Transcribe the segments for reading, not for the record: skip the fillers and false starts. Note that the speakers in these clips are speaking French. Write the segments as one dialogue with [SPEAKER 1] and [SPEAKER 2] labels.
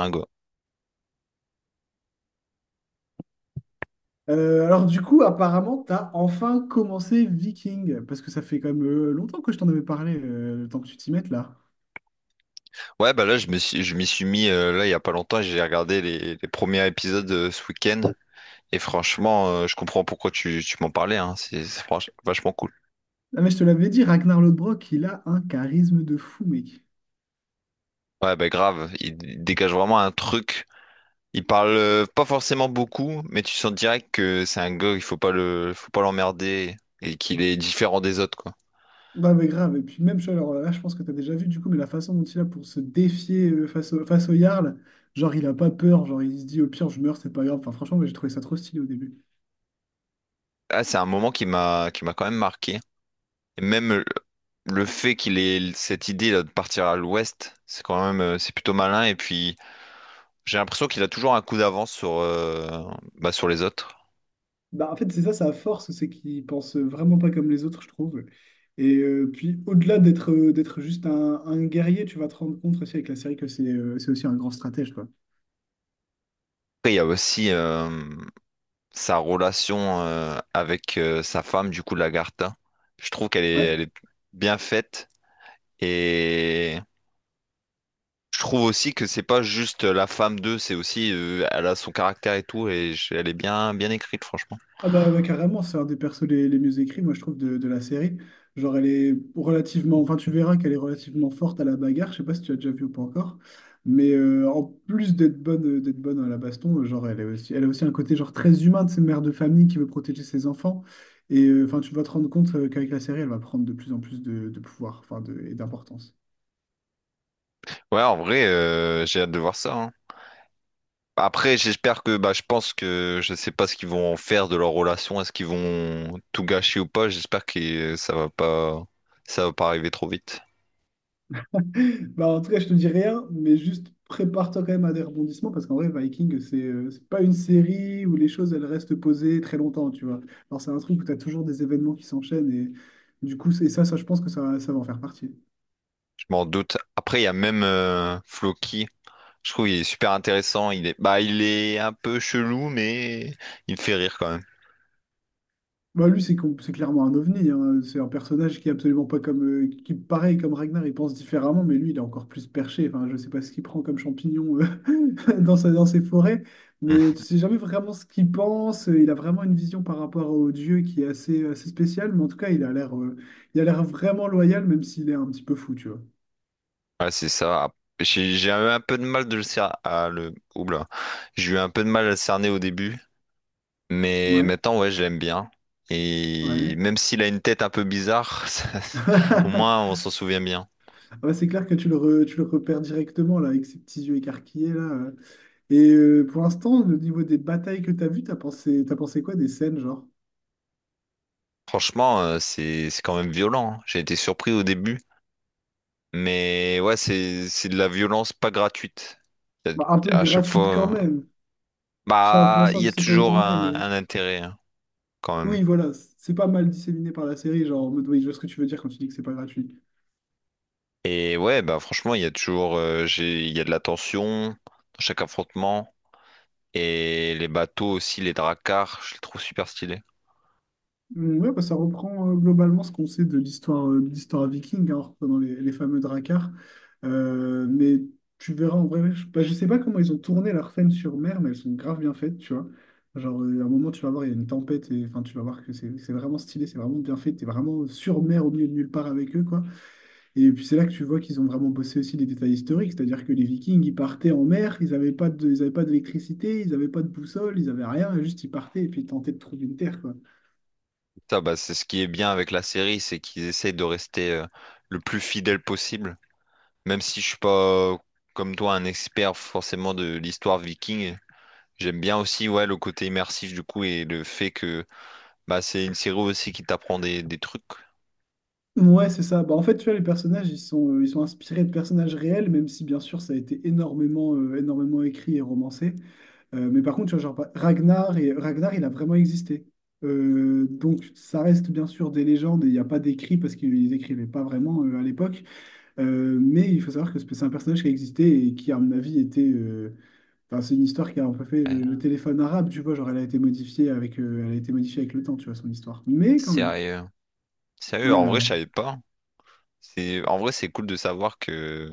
[SPEAKER 1] Un go.
[SPEAKER 2] Alors du coup, apparemment, t'as enfin commencé Viking, parce que ça fait quand même longtemps que je t'en avais parlé, le temps que tu t'y mettes là.
[SPEAKER 1] Ouais, bah là, je m'y suis mis là il y a pas longtemps. J'ai regardé les premiers épisodes ce week-end et franchement, je comprends pourquoi tu m'en parlais. Hein. Vachement cool.
[SPEAKER 2] Ah mais je te l'avais dit, Ragnar Lodbrok, il a un charisme de fou, mec.
[SPEAKER 1] Ouais, bah grave. Il dégage vraiment un truc. Il parle pas forcément beaucoup, mais tu sens direct que c'est un gars. Il faut pas le, Faut pas l'emmerder et qu'il est différent des autres, quoi.
[SPEAKER 2] Bah mais grave, et puis même, alors là, je pense que t'as déjà vu du coup, mais la façon dont il a pour se défier face au Jarl, genre il a pas peur, genre il se dit au pire je meurs, c'est pas grave. Enfin franchement, moi, j'ai trouvé ça trop stylé au début.
[SPEAKER 1] Ah, c'est un moment qui m'a quand même marqué. Et même le fait qu'il ait cette idée là, de partir à l'ouest, c'est quand même c'est plutôt malin. Et puis j'ai l'impression qu'il a toujours un coup d'avance sur, sur les autres.
[SPEAKER 2] Bah, en fait, c'est ça sa force, c'est qu'il pense vraiment pas comme les autres, je trouve. Et puis, au-delà d'être juste un guerrier, tu vas te rendre compte aussi avec la série que c'est aussi un grand stratège, quoi.
[SPEAKER 1] Après, il y a aussi sa relation avec sa femme, du coup, Lagarta. Je trouve
[SPEAKER 2] Ouais.
[SPEAKER 1] elle est bien faite. Et je trouve aussi que c'est pas juste la femme d'eux, c'est aussi elle a son caractère et tout. Elle est bien écrite, franchement.
[SPEAKER 2] Ah bah, ouais, carrément, c'est un des persos les mieux écrits, moi je trouve, de la série. Genre elle est relativement, enfin tu verras qu'elle est relativement forte à la bagarre, je sais pas si tu as déjà vu ou pas encore, mais en plus d'être bonne à la baston, genre elle est aussi, elle a aussi un côté genre très humain de cette mère de famille qui veut protéger ses enfants, et enfin tu vas te rendre compte qu'avec la série elle va prendre de plus en plus de pouvoir, enfin de, et d'importance.
[SPEAKER 1] Ouais, en vrai, j'ai hâte de voir ça, hein. Après, j'espère que, bah, je pense que je sais pas ce qu'ils vont en faire de leur relation. Est-ce qu'ils vont tout gâcher ou pas? J'espère que euh, ça va pas, ça va pas arriver trop vite.
[SPEAKER 2] Bah, en tout cas, je te dis rien, mais juste prépare-toi quand même à des rebondissements parce qu'en vrai, Viking, c'est pas une série où les choses elles restent posées très longtemps, tu vois. Alors, c'est un truc où tu as toujours des événements qui s'enchaînent et du coup, c'est ça, ça, je pense que ça va en faire partie.
[SPEAKER 1] Je m'en doute. Après, il y a même Floki. Je trouve qu'il est super intéressant. Il est, bah, il est un peu chelou, mais il fait rire quand même.
[SPEAKER 2] Bah, lui, c'est clairement un ovni, hein. C'est un personnage qui est absolument pas comme, qui, pareil, comme Ragnar, il pense différemment, mais lui, il est encore plus perché. Enfin, je sais pas ce qu'il prend comme champignon dans ses forêts,
[SPEAKER 1] Mm.
[SPEAKER 2] mais tu sais jamais vraiment ce qu'il pense. Il a vraiment une vision par rapport au dieu qui est assez, assez spéciale, mais en tout cas, il a l'air vraiment loyal, même s'il est un petit peu fou, tu vois.
[SPEAKER 1] Ouais, c'est ça. Ah, j'ai eu un peu de mal de le cerner. Ah, le... Oula. J'ai eu un peu de mal à le cerner au début. Mais
[SPEAKER 2] Ouais,
[SPEAKER 1] maintenant, ouais, je l'aime bien. Et
[SPEAKER 2] ouais.
[SPEAKER 1] même s'il a une tête un peu bizarre, ça- au moins on s'en souvient bien.
[SPEAKER 2] Ouais, c'est clair que tu le repères directement, là, avec ses petits yeux écarquillés, là. Pour l'instant, au niveau des batailles que tu as vues, t'as pensé quoi des scènes, genre?
[SPEAKER 1] Franchement, c'est quand même violent, hein. J'ai été surpris au début. Mais ouais, c'est de la violence pas gratuite. Y
[SPEAKER 2] Bah, un peu
[SPEAKER 1] a- À chaque
[SPEAKER 2] gratuites quand
[SPEAKER 1] fois,
[SPEAKER 2] même. Enfin, pour
[SPEAKER 1] bah, il
[SPEAKER 2] l'instant,
[SPEAKER 1] y
[SPEAKER 2] je
[SPEAKER 1] a
[SPEAKER 2] sais pas où
[SPEAKER 1] toujours
[SPEAKER 2] t'en es, mais...
[SPEAKER 1] un intérêt hein, quand même.
[SPEAKER 2] Oui, voilà, c'est pas mal disséminé par la série, genre en mode, oui, je vois ce que tu veux dire quand tu dis que c'est pas gratuit.
[SPEAKER 1] Et ouais, bah franchement, il y a toujours il y a de la tension dans chaque affrontement. Et les bateaux aussi, les dracars, je les trouve super stylés.
[SPEAKER 2] Mm, ouais, bah, ça reprend globalement ce qu'on sait de l'histoire viking, hein, en reprenant les fameux Drakkar. Mais tu verras en vrai, bah, je sais pas comment ils ont tourné leurs scènes sur mer, mais elles sont grave bien faites, tu vois. Genre, à un moment, tu vas voir, il y a une tempête, et enfin, tu vas voir que c'est vraiment stylé, c'est vraiment bien fait, t'es vraiment sur mer au milieu de nulle part avec eux, quoi. Et puis, c'est là que tu vois qu'ils ont vraiment bossé aussi les détails historiques, c'est-à-dire que les Vikings, ils partaient en mer, ils avaient pas d'électricité, ils n'avaient pas de boussole, ils avaient rien, juste ils partaient et puis ils tentaient de trouver une terre, quoi.
[SPEAKER 1] Ça, bah, c'est ce qui est bien avec la série, c'est qu'ils essayent de rester le plus fidèle possible. Même si je suis pas, euh, comme toi, un expert forcément de l'histoire viking, j'aime bien aussi ouais, le côté immersif du coup et le fait que bah, c'est une série aussi qui t'apprend des trucs.
[SPEAKER 2] Ouais, c'est ça. Bah, en fait, tu vois, les personnages, ils sont inspirés de personnages réels, même si, bien sûr, ça a été énormément écrit et romancé. Mais par contre, tu vois, genre, bah, Ragnar, il a vraiment existé. Donc, ça reste, bien sûr, des légendes, et il n'y a pas d'écrit, parce qu'ils écrivaient pas vraiment à l'époque. Mais il faut savoir que c'est un personnage qui a existé et qui, à mon avis, était. Enfin, c'est une histoire qui a un peu fait le
[SPEAKER 1] Ouais,
[SPEAKER 2] téléphone arabe, tu vois, genre, elle a été modifiée avec, elle a été modifiée avec le temps, tu vois, son histoire. Mais quand même.
[SPEAKER 1] sérieux. Sérieux,
[SPEAKER 2] Ouais,
[SPEAKER 1] en
[SPEAKER 2] ouais,
[SPEAKER 1] vrai, je
[SPEAKER 2] ouais.
[SPEAKER 1] savais pas. C'est, en vrai, c'est cool de savoir que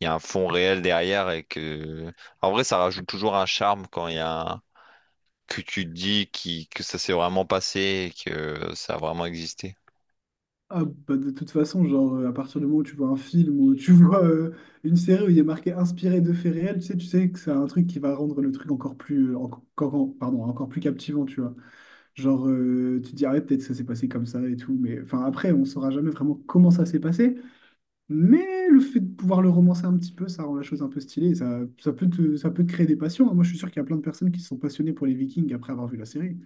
[SPEAKER 1] il y a un fond réel derrière et que, en vrai, ça rajoute toujours un charme quand il y a que tu te dis qui, que ça s'est vraiment passé et que ça a vraiment existé.
[SPEAKER 2] Ah, bah, de toute façon, genre, à partir du moment où tu vois un film ou tu vois une série où il est marqué inspiré de faits réels, tu sais que c'est un truc qui va rendre le truc encore plus, enco- encore, pardon, encore plus captivant, tu vois. Genre, tu te dis, ah ouais, peut-être ça s'est passé comme ça et tout, mais enfin, après, on saura jamais vraiment comment ça s'est passé, mais le fait de pouvoir le romancer un petit peu, ça rend la chose un peu stylée, et ça, ça peut te créer des passions. Hein. Moi, je suis sûr qu'il y a plein de personnes qui se sont passionnées pour les Vikings après avoir vu la série.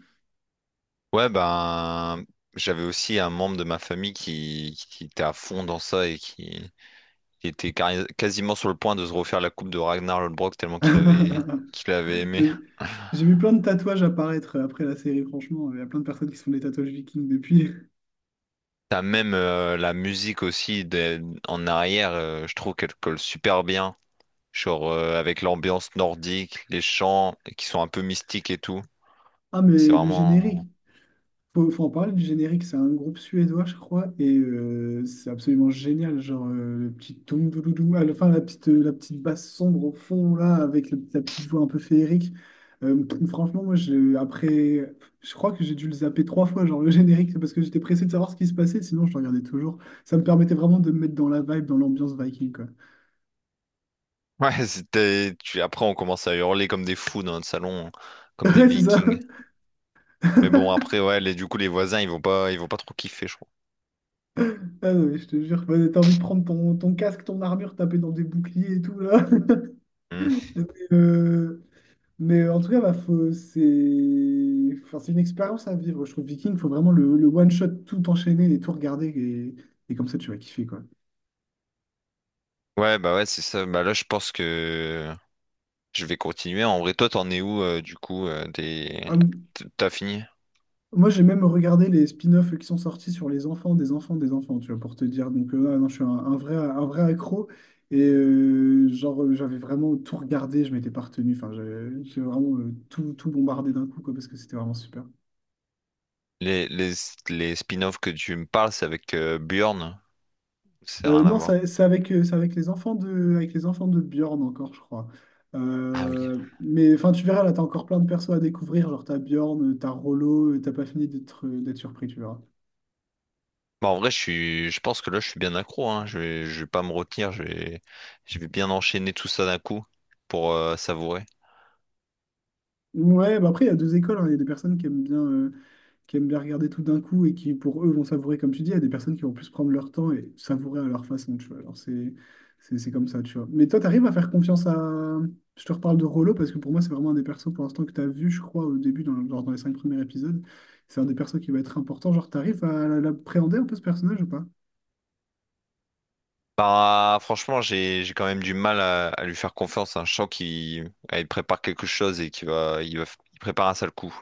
[SPEAKER 1] Ouais, ben, j'avais aussi un membre de ma famille qui était à fond dans ça qui était cari- quasiment sur le point de se refaire la coupe de Ragnar Lodbrok tellement qu'il avait aimé.
[SPEAKER 2] J'ai j'ai vu plein de tatouages apparaître après la série, franchement. Il y a plein de personnes qui se font des tatouages vikings depuis.
[SPEAKER 1] T'as même la musique aussi des- en arrière, je trouve qu'elle colle super bien. Genre avec l'ambiance nordique, les chants qui sont un peu mystiques et tout.
[SPEAKER 2] Ah,
[SPEAKER 1] C'est
[SPEAKER 2] mais le
[SPEAKER 1] vraiment.
[SPEAKER 2] générique, faut en parler du générique, c'est un groupe suédois, je crois, et c'est absolument génial. Genre, le petit toum doudoudou, à la fin, la petite basse sombre au fond, là, avec la petite voix un peu féerique. Euh, franchement, Moi, après, je crois que j'ai dû le zapper trois fois, genre le générique, c'est parce que j'étais pressé de savoir ce qui se passait, sinon je le regardais toujours. Ça me permettait vraiment de me mettre dans la vibe, dans l'ambiance viking, quoi.
[SPEAKER 1] Ouais, c'était. Tu- Après, on commence à hurler comme des fous dans notre salon, comme des
[SPEAKER 2] Ouais, c'est ça.
[SPEAKER 1] Vikings. Mais bon, après, ouais, les... du coup, les voisins, ils vont pas trop kiffer, je crois.
[SPEAKER 2] Ah non, mais je te jure, bah, t'as envie de prendre ton casque, ton armure, taper dans des boucliers et tout, là.
[SPEAKER 1] Hmm.
[SPEAKER 2] Mais, euh, mais, en tout cas, bah, c'est enfin, c'est une expérience à vivre. Je trouve Viking, faut vraiment le one-shot, tout enchaîner et tout regarder. Et comme ça, tu vas kiffer, quoi.
[SPEAKER 1] Ouais, bah ouais, c'est ça. Bah là, je pense que je vais continuer. En vrai, toi, t'en es où, du coup, des...
[SPEAKER 2] Hum,
[SPEAKER 1] t- T'as fini?
[SPEAKER 2] Moi, j'ai même regardé les spin-offs qui sont sortis sur les enfants des enfants des enfants, tu vois, pour te dire. Donc, ah non, je suis un vrai accro. Et genre, j'avais vraiment tout regardé, je m'étais pas retenu. Enfin, j'ai vraiment tout bombardé d'un coup, quoi, parce que c'était vraiment super.
[SPEAKER 1] Les, les, les spin-offs que tu me parles, c'est avec Bjorn. C'est
[SPEAKER 2] Euh,
[SPEAKER 1] rien à
[SPEAKER 2] non,
[SPEAKER 1] voir.
[SPEAKER 2] c'est avec les enfants de Bjorn encore, je crois.
[SPEAKER 1] Ah oui.
[SPEAKER 2] Mais enfin, tu verras, là, t'as encore plein de persos à découvrir. Genre, t'as Bjorn, t'as Rollo, t'as pas fini d'être surpris, tu verras.
[SPEAKER 1] Bah, en vrai, je pense que là, je suis bien accro, hein. Je vais pas me retenir. Je vais bien enchaîner tout ça d'un coup pour savourer.
[SPEAKER 2] Ouais, bah après, il y a deux écoles. Hein. Il y a des personnes qui aiment bien regarder tout d'un coup et qui, pour eux, vont savourer, comme tu dis, il y a des personnes qui vont plus prendre leur temps et savourer à leur façon, tu vois. Alors, c'est comme ça, tu vois. Mais toi, tu arrives à faire confiance à. Je te reparle de Rollo parce que pour moi, c'est vraiment un des persos pour l'instant que tu as vu, je crois, au début, genre dans les cinq premiers épisodes. C'est un des persos qui va être important. Genre, tu arrives à l'appréhender un peu ce personnage ou pas?
[SPEAKER 1] Bah, franchement, j'ai quand même du mal à lui faire confiance. Hein. Je sens qu'il ah, il prépare quelque chose et qu'il va il prépare un sale coup.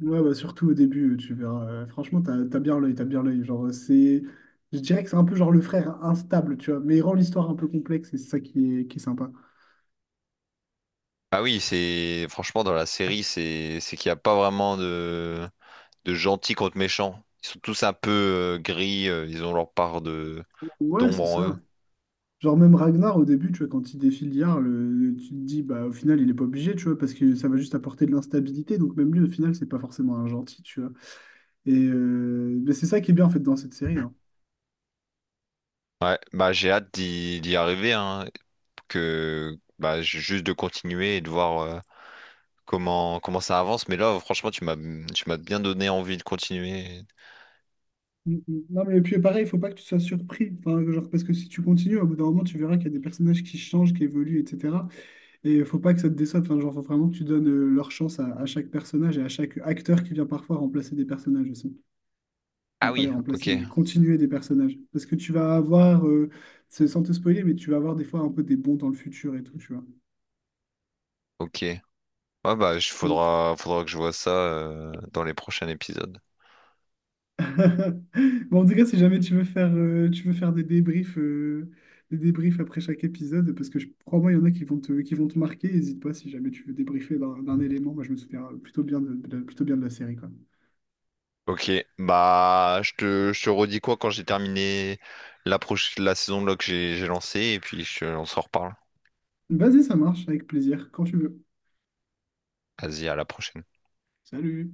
[SPEAKER 2] Ouais, bah surtout au début, tu verras. Franchement, t'as bien l'œil, t'as bien l'œil. Genre, c'est. Je dirais que c'est un peu genre le frère instable, tu vois, mais il rend l'histoire un peu complexe et c'est ça qui est sympa.
[SPEAKER 1] Ah oui, c'est franchement dans la série, c'est qu'il n'y a pas vraiment de gentils contre méchants. Ils sont tous un peu gris. Ils ont leur part de
[SPEAKER 2] Ouais,
[SPEAKER 1] d'ombre
[SPEAKER 2] c'est
[SPEAKER 1] en eux.
[SPEAKER 2] ça. Genre même Ragnar au début, tu vois, quand il défie l'IA, tu te dis bah au final il est pas obligé, tu vois, parce que ça va juste apporter de l'instabilité, donc même lui au final c'est pas forcément un gentil, tu vois. Mais c'est ça qui est bien en fait dans cette série. Hein.
[SPEAKER 1] Ouais, bah j'ai hâte d'y arriver. Hein, que bah j'ai juste de continuer et de voir comment ça avance. Mais là, franchement, tu m'as bien donné envie de continuer.
[SPEAKER 2] Mm, mm. Non mais puis pareil, il faut pas que tu sois surpris, enfin, genre, parce que si tu continues, au bout d'un moment tu verras qu'il y a des personnages qui changent, qui évoluent, etc. Et faut pas que ça te déçoive, enfin, genre faut vraiment que tu donnes leur chance à chaque personnage et à chaque acteur qui vient parfois remplacer des personnages aussi.
[SPEAKER 1] Ah
[SPEAKER 2] Enfin pas
[SPEAKER 1] oui,
[SPEAKER 2] les
[SPEAKER 1] ok.
[SPEAKER 2] remplacer, mais continuer des personnages. Parce que tu vas avoir, sans te spoiler, mais tu vas avoir des fois un peu des bons dans le futur et tout, tu vois.
[SPEAKER 1] Ok. Ah bah, faudra que je vois ça dans les prochains épisodes.
[SPEAKER 2] Bon, en tout cas, si jamais tu veux faire des débriefs après chaque épisode, parce que je crois-moi, il y en a qui vont te marquer, n'hésite pas si jamais tu veux débriefer d'un élément. Moi, je me souviens plutôt bien de la série, quoi.
[SPEAKER 1] Ok, bah je te redis quoi quand j'ai terminé la, proche- la saison de là que j'ai lancée et puis je, on s'en reparle.
[SPEAKER 2] Vas-y, ça marche, avec plaisir, quand tu veux.
[SPEAKER 1] Vas-y, à la prochaine.
[SPEAKER 2] Salut!